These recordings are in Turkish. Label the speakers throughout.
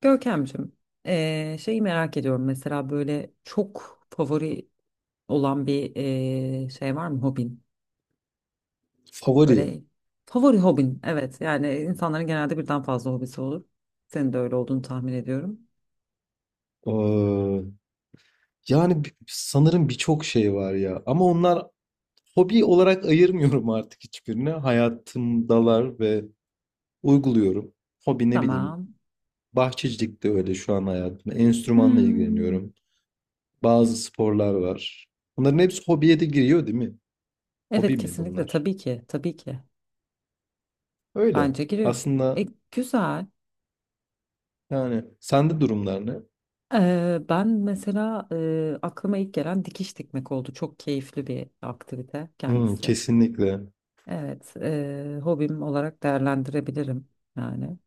Speaker 1: Görkemciğim, şeyi merak ediyorum. Mesela böyle çok favori olan bir şey var mı hobin?
Speaker 2: Favori.
Speaker 1: Böyle favori hobin, evet. Yani insanların genelde birden fazla hobisi olur. Senin de öyle olduğunu tahmin ediyorum.
Speaker 2: Ee, Yani sanırım birçok şey var ya. Ama onlar hobi olarak ayırmıyorum artık hiçbirini. Hayatımdalar ve uyguluyorum. Hobi ne bileyim.
Speaker 1: Tamam.
Speaker 2: Bahçecilik de öyle şu an hayatımda. Enstrümanla
Speaker 1: Hmm.
Speaker 2: ilgileniyorum. Bazı sporlar var. Bunların hepsi hobiye de giriyor değil mi?
Speaker 1: Evet,
Speaker 2: Hobi mi
Speaker 1: kesinlikle
Speaker 2: bunlar?
Speaker 1: tabii ki, tabii ki.
Speaker 2: Öyle.
Speaker 1: Bence giriyor.
Speaker 2: Aslında
Speaker 1: E, güzel.
Speaker 2: yani sende durumlar ne?
Speaker 1: Ben mesela aklıma ilk gelen dikiş dikmek oldu. Çok keyifli bir aktivite
Speaker 2: Hmm,
Speaker 1: kendisi.
Speaker 2: kesinlikle.
Speaker 1: Evet, hobim olarak değerlendirebilirim yani.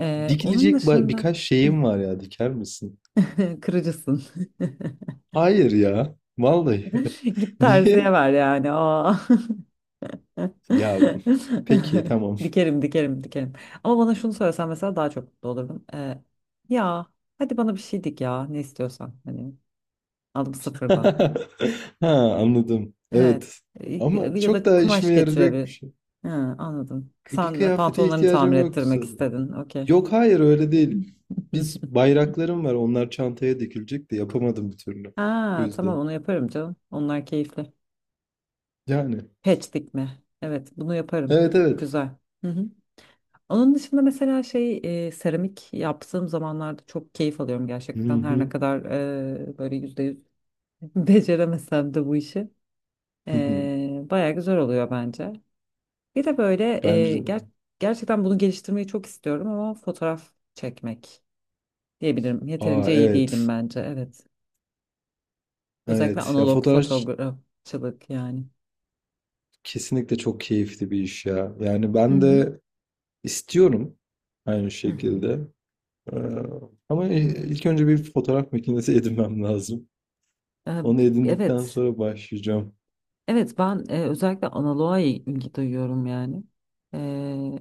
Speaker 1: Onun
Speaker 2: Dikilecek
Speaker 1: dışında.
Speaker 2: birkaç
Speaker 1: Hı,
Speaker 2: şeyim var ya diker misin?
Speaker 1: kırıcısın.
Speaker 2: Hayır ya. Vallahi.
Speaker 1: Git terziye
Speaker 2: Niye?
Speaker 1: ver yani. Aa.
Speaker 2: Ya peki tamam.
Speaker 1: Dikerim, dikerim, dikerim. Ama bana şunu söylesen mesela daha çok mutlu olurdum. Ya hadi bana bir şey dik ya, ne istiyorsan hani, aldım sıfırdan.
Speaker 2: Ha, anladım.
Speaker 1: Evet.
Speaker 2: Evet.
Speaker 1: E,
Speaker 2: Ama
Speaker 1: Ya
Speaker 2: çok
Speaker 1: da
Speaker 2: daha
Speaker 1: kumaş
Speaker 2: işime yarayacak bir
Speaker 1: getirebilir.
Speaker 2: şey.
Speaker 1: Ha, anladım.
Speaker 2: Bir
Speaker 1: Sen
Speaker 2: kıyafete
Speaker 1: pantolonlarını tamir
Speaker 2: ihtiyacım yoktu
Speaker 1: ettirmek
Speaker 2: sanırım.
Speaker 1: istedin. Okey.
Speaker 2: Yok hayır öyle değil. Biz bayraklarım var onlar çantaya dikilecek de yapamadım bir türlü. Bu
Speaker 1: Ha, tamam,
Speaker 2: yüzden.
Speaker 1: onu yaparım canım. Onlar keyifli.
Speaker 2: Yani.
Speaker 1: Patch dikme. Evet, bunu yaparım.
Speaker 2: Evet, evet.
Speaker 1: Güzel. Hı hı. Onun dışında mesela şey seramik yaptığım zamanlarda çok keyif alıyorum
Speaker 2: Hı
Speaker 1: gerçekten. Her ne
Speaker 2: hı.
Speaker 1: kadar böyle %100 beceremesem de bu işi.
Speaker 2: Hı hı.
Speaker 1: Baya güzel oluyor bence. Bir de böyle e,
Speaker 2: Bence
Speaker 1: ger- gerçekten bunu geliştirmeyi çok istiyorum ama fotoğraf çekmek diyebilirim.
Speaker 2: aa
Speaker 1: Yeterince iyi
Speaker 2: evet.
Speaker 1: değilim bence. Evet. Özellikle
Speaker 2: Evet. Ya
Speaker 1: analog
Speaker 2: fotoğraf
Speaker 1: fotoğrafçılık yani.
Speaker 2: kesinlikle çok keyifli bir iş ya. Yani
Speaker 1: Hı
Speaker 2: ben
Speaker 1: hı.
Speaker 2: de istiyorum aynı
Speaker 1: Hı hı.
Speaker 2: şekilde. Ee, ama ilk önce bir fotoğraf makinesi edinmem lazım.
Speaker 1: Ee,
Speaker 2: Onu edindikten
Speaker 1: Evet,
Speaker 2: sonra başlayacağım.
Speaker 1: evet ben özellikle analoğa ilgi duyuyorum yani. Ee,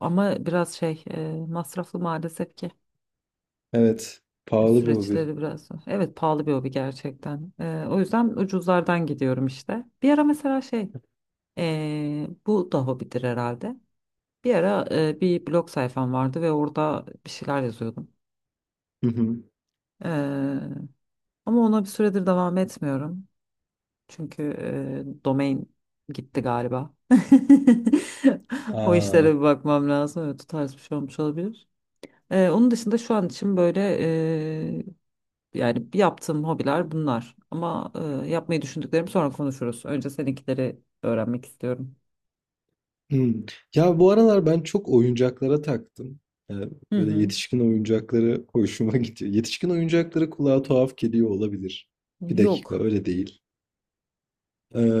Speaker 1: ama biraz şey masraflı maalesef ki
Speaker 2: Evet. Pahalı bir hobi.
Speaker 1: süreçleri biraz. Evet, pahalı bir hobi gerçekten. O yüzden ucuzlardan gidiyorum işte. Bir ara mesela şey bu da hobidir herhalde. Bir ara bir blog sayfam vardı ve orada bir şeyler yazıyordum.
Speaker 2: Hı hı.
Speaker 1: Ee, ama ona bir süredir devam etmiyorum. Çünkü domain gitti galiba. O
Speaker 2: Aa,
Speaker 1: işlere bir bakmam lazım. Evet, o tarz bir şey olmuş olabilir. Onun dışında şu an için böyle yani yaptığım hobiler bunlar. Ama yapmayı düşündüklerimi sonra konuşuruz. Önce seninkileri öğrenmek istiyorum.
Speaker 2: hı. Ya bu aralar ben çok oyuncaklara taktım. Ee,
Speaker 1: Hı
Speaker 2: böyle
Speaker 1: hı.
Speaker 2: yetişkin oyuncakları hoşuma gidiyor. Yetişkin oyuncakları kulağa tuhaf geliyor olabilir. Bir dakika
Speaker 1: Yok.
Speaker 2: öyle değil.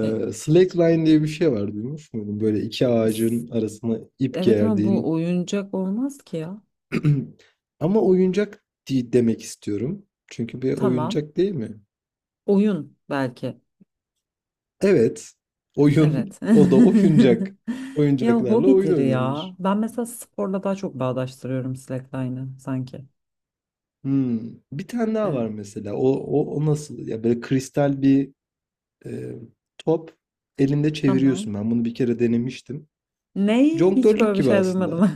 Speaker 1: E,
Speaker 2: slackline diye bir şey var duymuş muydun? Böyle iki
Speaker 1: s-
Speaker 2: ağacın arasına ip
Speaker 1: evet ama bu
Speaker 2: gerdiğin.
Speaker 1: oyuncak olmaz ki ya.
Speaker 2: Ama oyuncak değil demek istiyorum. Çünkü bir
Speaker 1: Tamam.
Speaker 2: oyuncak değil mi?
Speaker 1: Oyun belki.
Speaker 2: Evet. Oyun.
Speaker 1: Evet.
Speaker 2: O da oyuncak.
Speaker 1: Ya
Speaker 2: Oyuncaklarla oyun
Speaker 1: hobidir ya.
Speaker 2: oynanır.
Speaker 1: Ben mesela sporla daha çok bağdaştırıyorum slackline'ı sanki.
Speaker 2: Hmm. Bir tane daha
Speaker 1: Evet.
Speaker 2: var mesela. O nasıl? Ya böyle kristal bir e, top elinde
Speaker 1: Tamam.
Speaker 2: çeviriyorsun. Ben bunu bir kere denemiştim.
Speaker 1: Ney? Hiç
Speaker 2: Jonglörlük
Speaker 1: böyle bir
Speaker 2: gibi
Speaker 1: şey
Speaker 2: aslında.
Speaker 1: duymadım.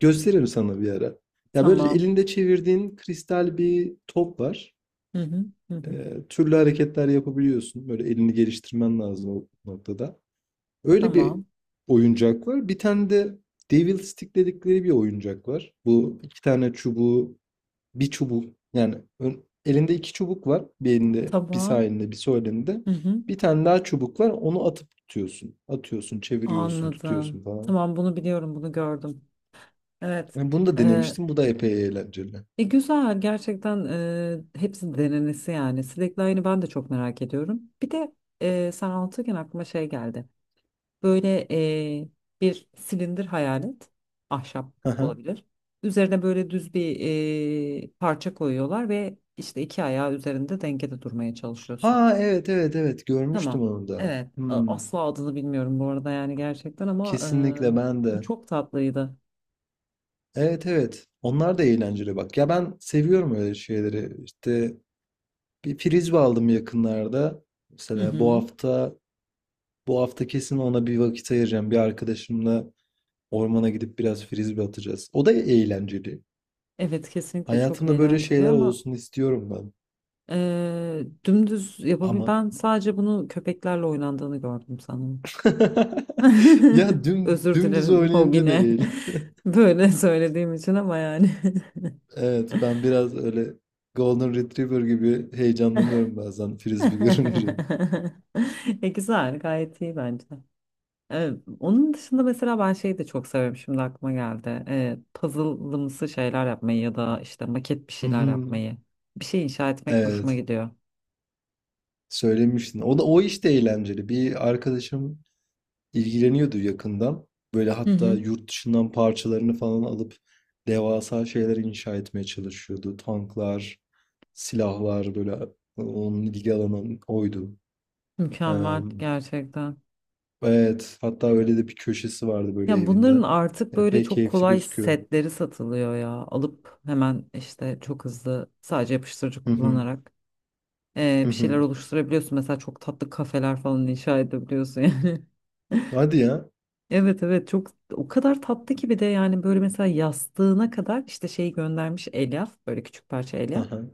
Speaker 2: Gösteririm sana bir ara. Ya böyle
Speaker 1: Tamam.
Speaker 2: elinde çevirdiğin kristal bir top var.
Speaker 1: Hı hı, hı hı.
Speaker 2: Türlü hareketler yapabiliyorsun. Böyle elini geliştirmen lazım o noktada. Öyle bir
Speaker 1: Tamam.
Speaker 2: oyuncak var. Bir tane de Devil Stick dedikleri bir oyuncak var. Bu iki tane çubuğu, bir çubuk yani elinde iki çubuk var. Bir elinde, bir sağ
Speaker 1: Tamam.
Speaker 2: elinde, bir sol elinde.
Speaker 1: Hı hı.
Speaker 2: Bir tane daha çubuk var. Onu atıp tutuyorsun. Atıyorsun, çeviriyorsun,
Speaker 1: Anladım,
Speaker 2: tutuyorsun falan.
Speaker 1: tamam, bunu biliyorum, bunu gördüm. Evet.
Speaker 2: Yani bunu da
Speaker 1: Ee,
Speaker 2: denemiştim. Bu da epey eğlenceli.
Speaker 1: Güzel gerçekten, hepsi denenesi yani. Slackline'ı ben de çok merak ediyorum. Bir de sen anlatırken aklıma şey geldi. Böyle bir silindir hayal et. Ahşap
Speaker 2: Hı.
Speaker 1: olabilir. Üzerine böyle düz bir parça koyuyorlar ve işte iki ayağı üzerinde dengede durmaya çalışıyorsun.
Speaker 2: Ha, evet evet evet görmüştüm
Speaker 1: Tamam.
Speaker 2: onu da.
Speaker 1: Evet.
Speaker 2: Hmm,
Speaker 1: Asla adını bilmiyorum bu arada, yani gerçekten, ama
Speaker 2: kesinlikle ben
Speaker 1: bu
Speaker 2: de.
Speaker 1: çok tatlıydı.
Speaker 2: Evet evet onlar da eğlenceli bak. Ya ben seviyorum öyle şeyleri. İşte bir frisbee aldım yakınlarda.
Speaker 1: Hı
Speaker 2: Mesela bu
Speaker 1: hı.
Speaker 2: hafta bu hafta kesin ona bir vakit ayıracağım. Bir arkadaşımla ormana gidip biraz frisbee atacağız. O da eğlenceli.
Speaker 1: Evet, kesinlikle çok
Speaker 2: Hayatımda böyle
Speaker 1: eğlenceli,
Speaker 2: şeyler
Speaker 1: ama
Speaker 2: olsun istiyorum ben.
Speaker 1: dümdüz yapabil
Speaker 2: Ama
Speaker 1: ben sadece bunu köpeklerle oynandığını gördüm sanırım.
Speaker 2: ya
Speaker 1: Özür
Speaker 2: dümdüz
Speaker 1: dilerim
Speaker 2: oynayınca da
Speaker 1: hobine.
Speaker 2: eğlenceli.
Speaker 1: Böyle söylediğim için, ama yani.
Speaker 2: Evet, ben biraz öyle Golden Retriever gibi heyecanlanıyorum bazen frisbee görünce.
Speaker 1: Güzel, gayet iyi bence. E, onun dışında mesela ben şeyi de çok severim. Şimdi aklıma geldi. Puzzle'ımsı şeyler yapmayı ya da işte maket bir
Speaker 2: Hı
Speaker 1: şeyler
Speaker 2: hı.
Speaker 1: yapmayı. Bir şey inşa etmek hoşuma
Speaker 2: Evet,
Speaker 1: gidiyor.
Speaker 2: söylemiştin. O iş de eğlenceli. Bir arkadaşım ilgileniyordu yakından. Böyle
Speaker 1: Hı
Speaker 2: hatta
Speaker 1: hı.
Speaker 2: yurt dışından parçalarını falan alıp devasa şeyler inşa etmeye çalışıyordu. Tanklar, silahlar böyle onun ilgi alanı oydu. Eee,
Speaker 1: Mükemmel gerçekten.
Speaker 2: evet, hatta öyle de bir köşesi vardı böyle
Speaker 1: Ya bunların
Speaker 2: evinde.
Speaker 1: artık böyle
Speaker 2: Epey
Speaker 1: çok
Speaker 2: keyifli
Speaker 1: kolay
Speaker 2: gözüküyor.
Speaker 1: setleri satılıyor ya. Alıp hemen işte çok hızlı sadece yapıştırıcı
Speaker 2: Hı hı,
Speaker 1: kullanarak
Speaker 2: hı
Speaker 1: bir şeyler
Speaker 2: hı.
Speaker 1: oluşturabiliyorsun. Mesela çok tatlı kafeler falan inşa edebiliyorsun yani.
Speaker 2: Hadi ya.
Speaker 1: Evet evet, çok. O kadar tatlı ki, bir de yani böyle mesela yastığına kadar işte şey göndermiş elyaf, böyle küçük parça elyaf.
Speaker 2: Aha.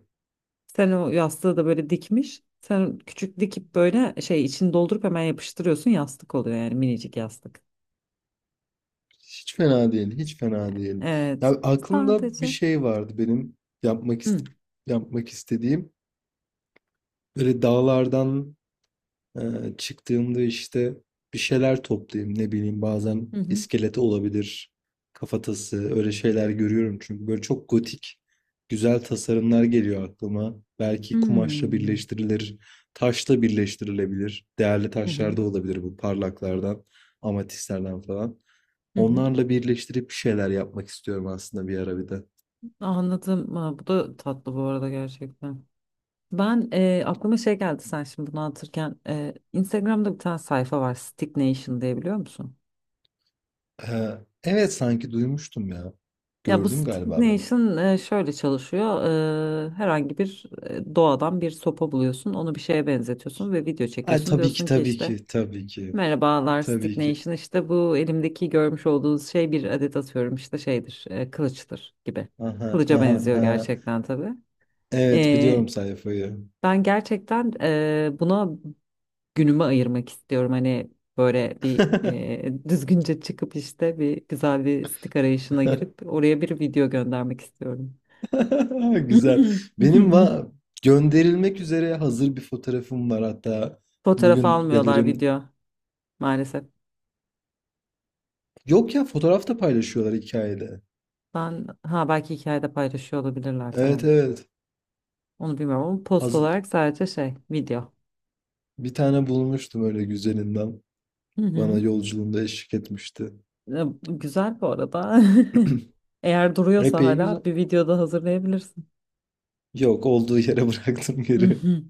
Speaker 1: Sen o yastığı da böyle dikmiş. Sen küçük dikip böyle şey içini doldurup hemen yapıştırıyorsun, yastık oluyor yani, minicik yastık.
Speaker 2: Hiç fena değil, hiç fena değil. Ya
Speaker 1: Evet.
Speaker 2: aklımda bir
Speaker 1: Sadece.
Speaker 2: şey vardı benim yapmak ist
Speaker 1: Hı
Speaker 2: yapmak istediğim. Böyle dağlardan e, çıktığımda işte bir şeyler toplayayım. Ne bileyim bazen
Speaker 1: hı hı.
Speaker 2: iskeleti olabilir, kafatası öyle şeyler görüyorum. Çünkü böyle çok gotik güzel tasarımlar geliyor aklıma. Belki kumaşla
Speaker 1: Hmm.
Speaker 2: birleştirilir, taşla birleştirilebilir. Değerli
Speaker 1: Hı
Speaker 2: taşlar
Speaker 1: hı.
Speaker 2: da olabilir bu parlaklardan, amatistlerden falan.
Speaker 1: Hı hı.
Speaker 2: Onlarla birleştirip bir şeyler yapmak istiyorum aslında bir ara bir de.
Speaker 1: Anladım. Ha, bu da tatlı bu arada gerçekten. Ben aklıma şey geldi sen şimdi bunu anlatırken, Instagram'da bir tane sayfa var Stick Nation diye, biliyor musun?
Speaker 2: Ee, evet sanki duymuştum ya.
Speaker 1: Ya bu
Speaker 2: Gördüm
Speaker 1: Stick
Speaker 2: galiba ben onu.
Speaker 1: Nation şöyle çalışıyor: herhangi bir doğadan bir sopa buluyorsun, onu bir şeye benzetiyorsun ve video
Speaker 2: Ay
Speaker 1: çekiyorsun,
Speaker 2: tabii ki
Speaker 1: diyorsun ki
Speaker 2: tabii
Speaker 1: işte
Speaker 2: ki tabii ki
Speaker 1: merhabalar Stick
Speaker 2: tabii ki.
Speaker 1: Nation, işte bu elimdeki görmüş olduğunuz şey bir adet, atıyorum işte şeydir, kılıçtır gibi,
Speaker 2: Aha,
Speaker 1: kılıca
Speaker 2: aha,
Speaker 1: benziyor
Speaker 2: aha.
Speaker 1: gerçekten tabii.
Speaker 2: Evet
Speaker 1: E,
Speaker 2: biliyorum sayfayı.
Speaker 1: Ben gerçekten buna günümü ayırmak istiyorum. Hani böyle bir düzgünce çıkıp, işte bir güzel bir stik arayışına girip oraya bir video göndermek istiyorum.
Speaker 2: Güzel. Benim va gönderilmek üzere hazır bir fotoğrafım var hatta
Speaker 1: Fotoğraf
Speaker 2: bugün
Speaker 1: almıyorlar,
Speaker 2: galerin.
Speaker 1: video maalesef.
Speaker 2: Yok ya fotoğraf da paylaşıyorlar hikayede.
Speaker 1: Ben ha belki hikayede paylaşıyor olabilirler,
Speaker 2: Evet
Speaker 1: tamam.
Speaker 2: evet.
Speaker 1: Onu bilmiyorum, ama post
Speaker 2: Haz-
Speaker 1: olarak sadece şey, video.
Speaker 2: bir tane bulmuştum öyle güzelinden.
Speaker 1: Hı
Speaker 2: Bana
Speaker 1: hı.
Speaker 2: yolculuğumda eşlik etmişti.
Speaker 1: E, bu güzel bu arada. Eğer duruyorsa
Speaker 2: Epey güzel.
Speaker 1: hala, bir videoda hazırlayabilirsin.
Speaker 2: Yok, olduğu yere bıraktım
Speaker 1: Hı
Speaker 2: geri.
Speaker 1: hı.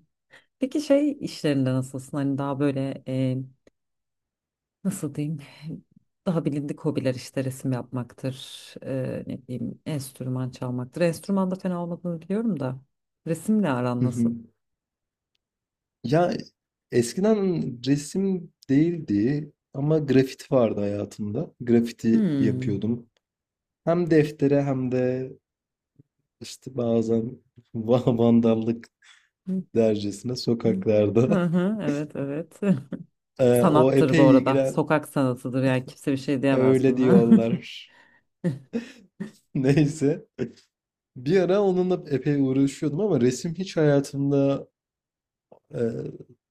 Speaker 1: Peki, şey işlerinde nasılsın? Hani daha böyle, nasıl diyeyim, daha bilindik hobiler, işte resim yapmaktır, ne diyeyim, enstrüman çalmaktır. Enstrüman da fena olmadığını biliyorum da, resimle aran
Speaker 2: Hı hı.
Speaker 1: nasıl?
Speaker 2: Ya eskiden resim değildi ama grafit vardı hayatımda. Grafiti
Speaker 1: Hmm.
Speaker 2: yapıyordum. Hem deftere hem de işte bazen vandallık
Speaker 1: Hı
Speaker 2: dercesine
Speaker 1: hı.
Speaker 2: sokaklarda.
Speaker 1: Hı hı. Evet, evet.
Speaker 2: O
Speaker 1: Sanattır bu
Speaker 2: epey
Speaker 1: arada,
Speaker 2: ilgilen
Speaker 1: sokak sanatıdır, yani kimse bir şey diyemez
Speaker 2: öyle
Speaker 1: buna.
Speaker 2: diyorlar. Neyse. Bir ara onunla epey uğraşıyordum ama resim hiç hayatımda Ee,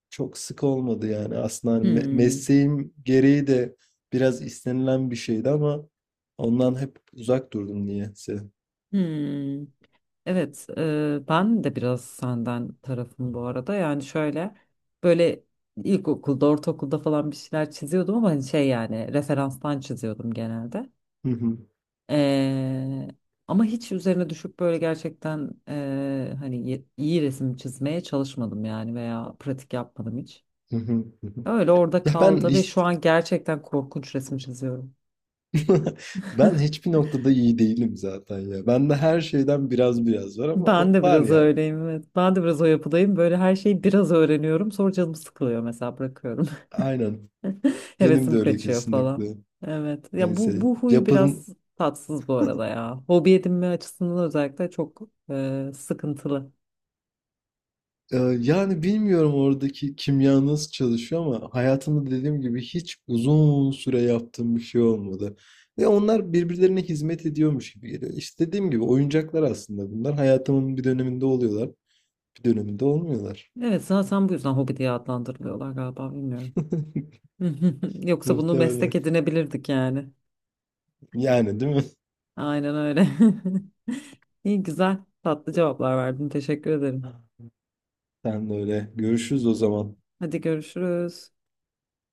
Speaker 2: çok sık olmadı yani aslında hani
Speaker 1: Hmm.
Speaker 2: mesleğim gereği de biraz istenilen bir şeydi ama ondan hep uzak durdum niyeyse.
Speaker 1: Hmm. Evet, ben de biraz senden tarafım bu arada. Yani şöyle, böyle ilkokulda, ortaokulda falan bir şeyler çiziyordum ama, hani şey yani, referanstan çiziyordum genelde.
Speaker 2: Hı hı,
Speaker 1: E, ama hiç üzerine düşüp böyle gerçekten, hani iyi resim çizmeye çalışmadım yani, veya pratik yapmadım hiç.
Speaker 2: hı hı, hı hı.
Speaker 1: Öyle orada
Speaker 2: Ya ben
Speaker 1: kaldı ve
Speaker 2: hiç
Speaker 1: şu an gerçekten korkunç resim çiziyorum.
Speaker 2: ben hiçbir noktada iyi değilim zaten ya. Bende her şeyden biraz biraz var ama
Speaker 1: Ben de
Speaker 2: var
Speaker 1: biraz
Speaker 2: yani.
Speaker 1: öyleyim, evet. Ben de biraz o yapıdayım. Böyle her şeyi biraz öğreniyorum. Sonra canım sıkılıyor mesela, bırakıyorum.
Speaker 2: Aynen. Benim de
Speaker 1: Hevesim
Speaker 2: öyle
Speaker 1: kaçıyor falan.
Speaker 2: kesinlikle.
Speaker 1: Evet. Ya, bu
Speaker 2: Neyse.
Speaker 1: bu huyu biraz tatsız bu arada ya. Hobi edinme açısından özellikle çok sıkıntılı.
Speaker 2: Yani bilmiyorum oradaki kimya nasıl çalışıyor ama hayatımda dediğim gibi hiç uzun süre yaptığım bir şey olmadı. Ve onlar birbirlerine hizmet ediyormuş gibi geliyor. İşte dediğim gibi oyuncaklar aslında bunlar. Hayatımın bir döneminde oluyorlar, bir döneminde olmuyorlar.
Speaker 1: Evet, zaten bu yüzden hobi diye adlandırılıyorlar galiba, bilmiyorum. Yoksa bunu meslek
Speaker 2: Muhtemelen.
Speaker 1: edinebilirdik yani.
Speaker 2: Yani değil mi?
Speaker 1: Aynen öyle. İyi, güzel, tatlı cevaplar verdin. Teşekkür ederim.
Speaker 2: Sen de öyle. Görüşürüz o zaman.
Speaker 1: Hadi, görüşürüz.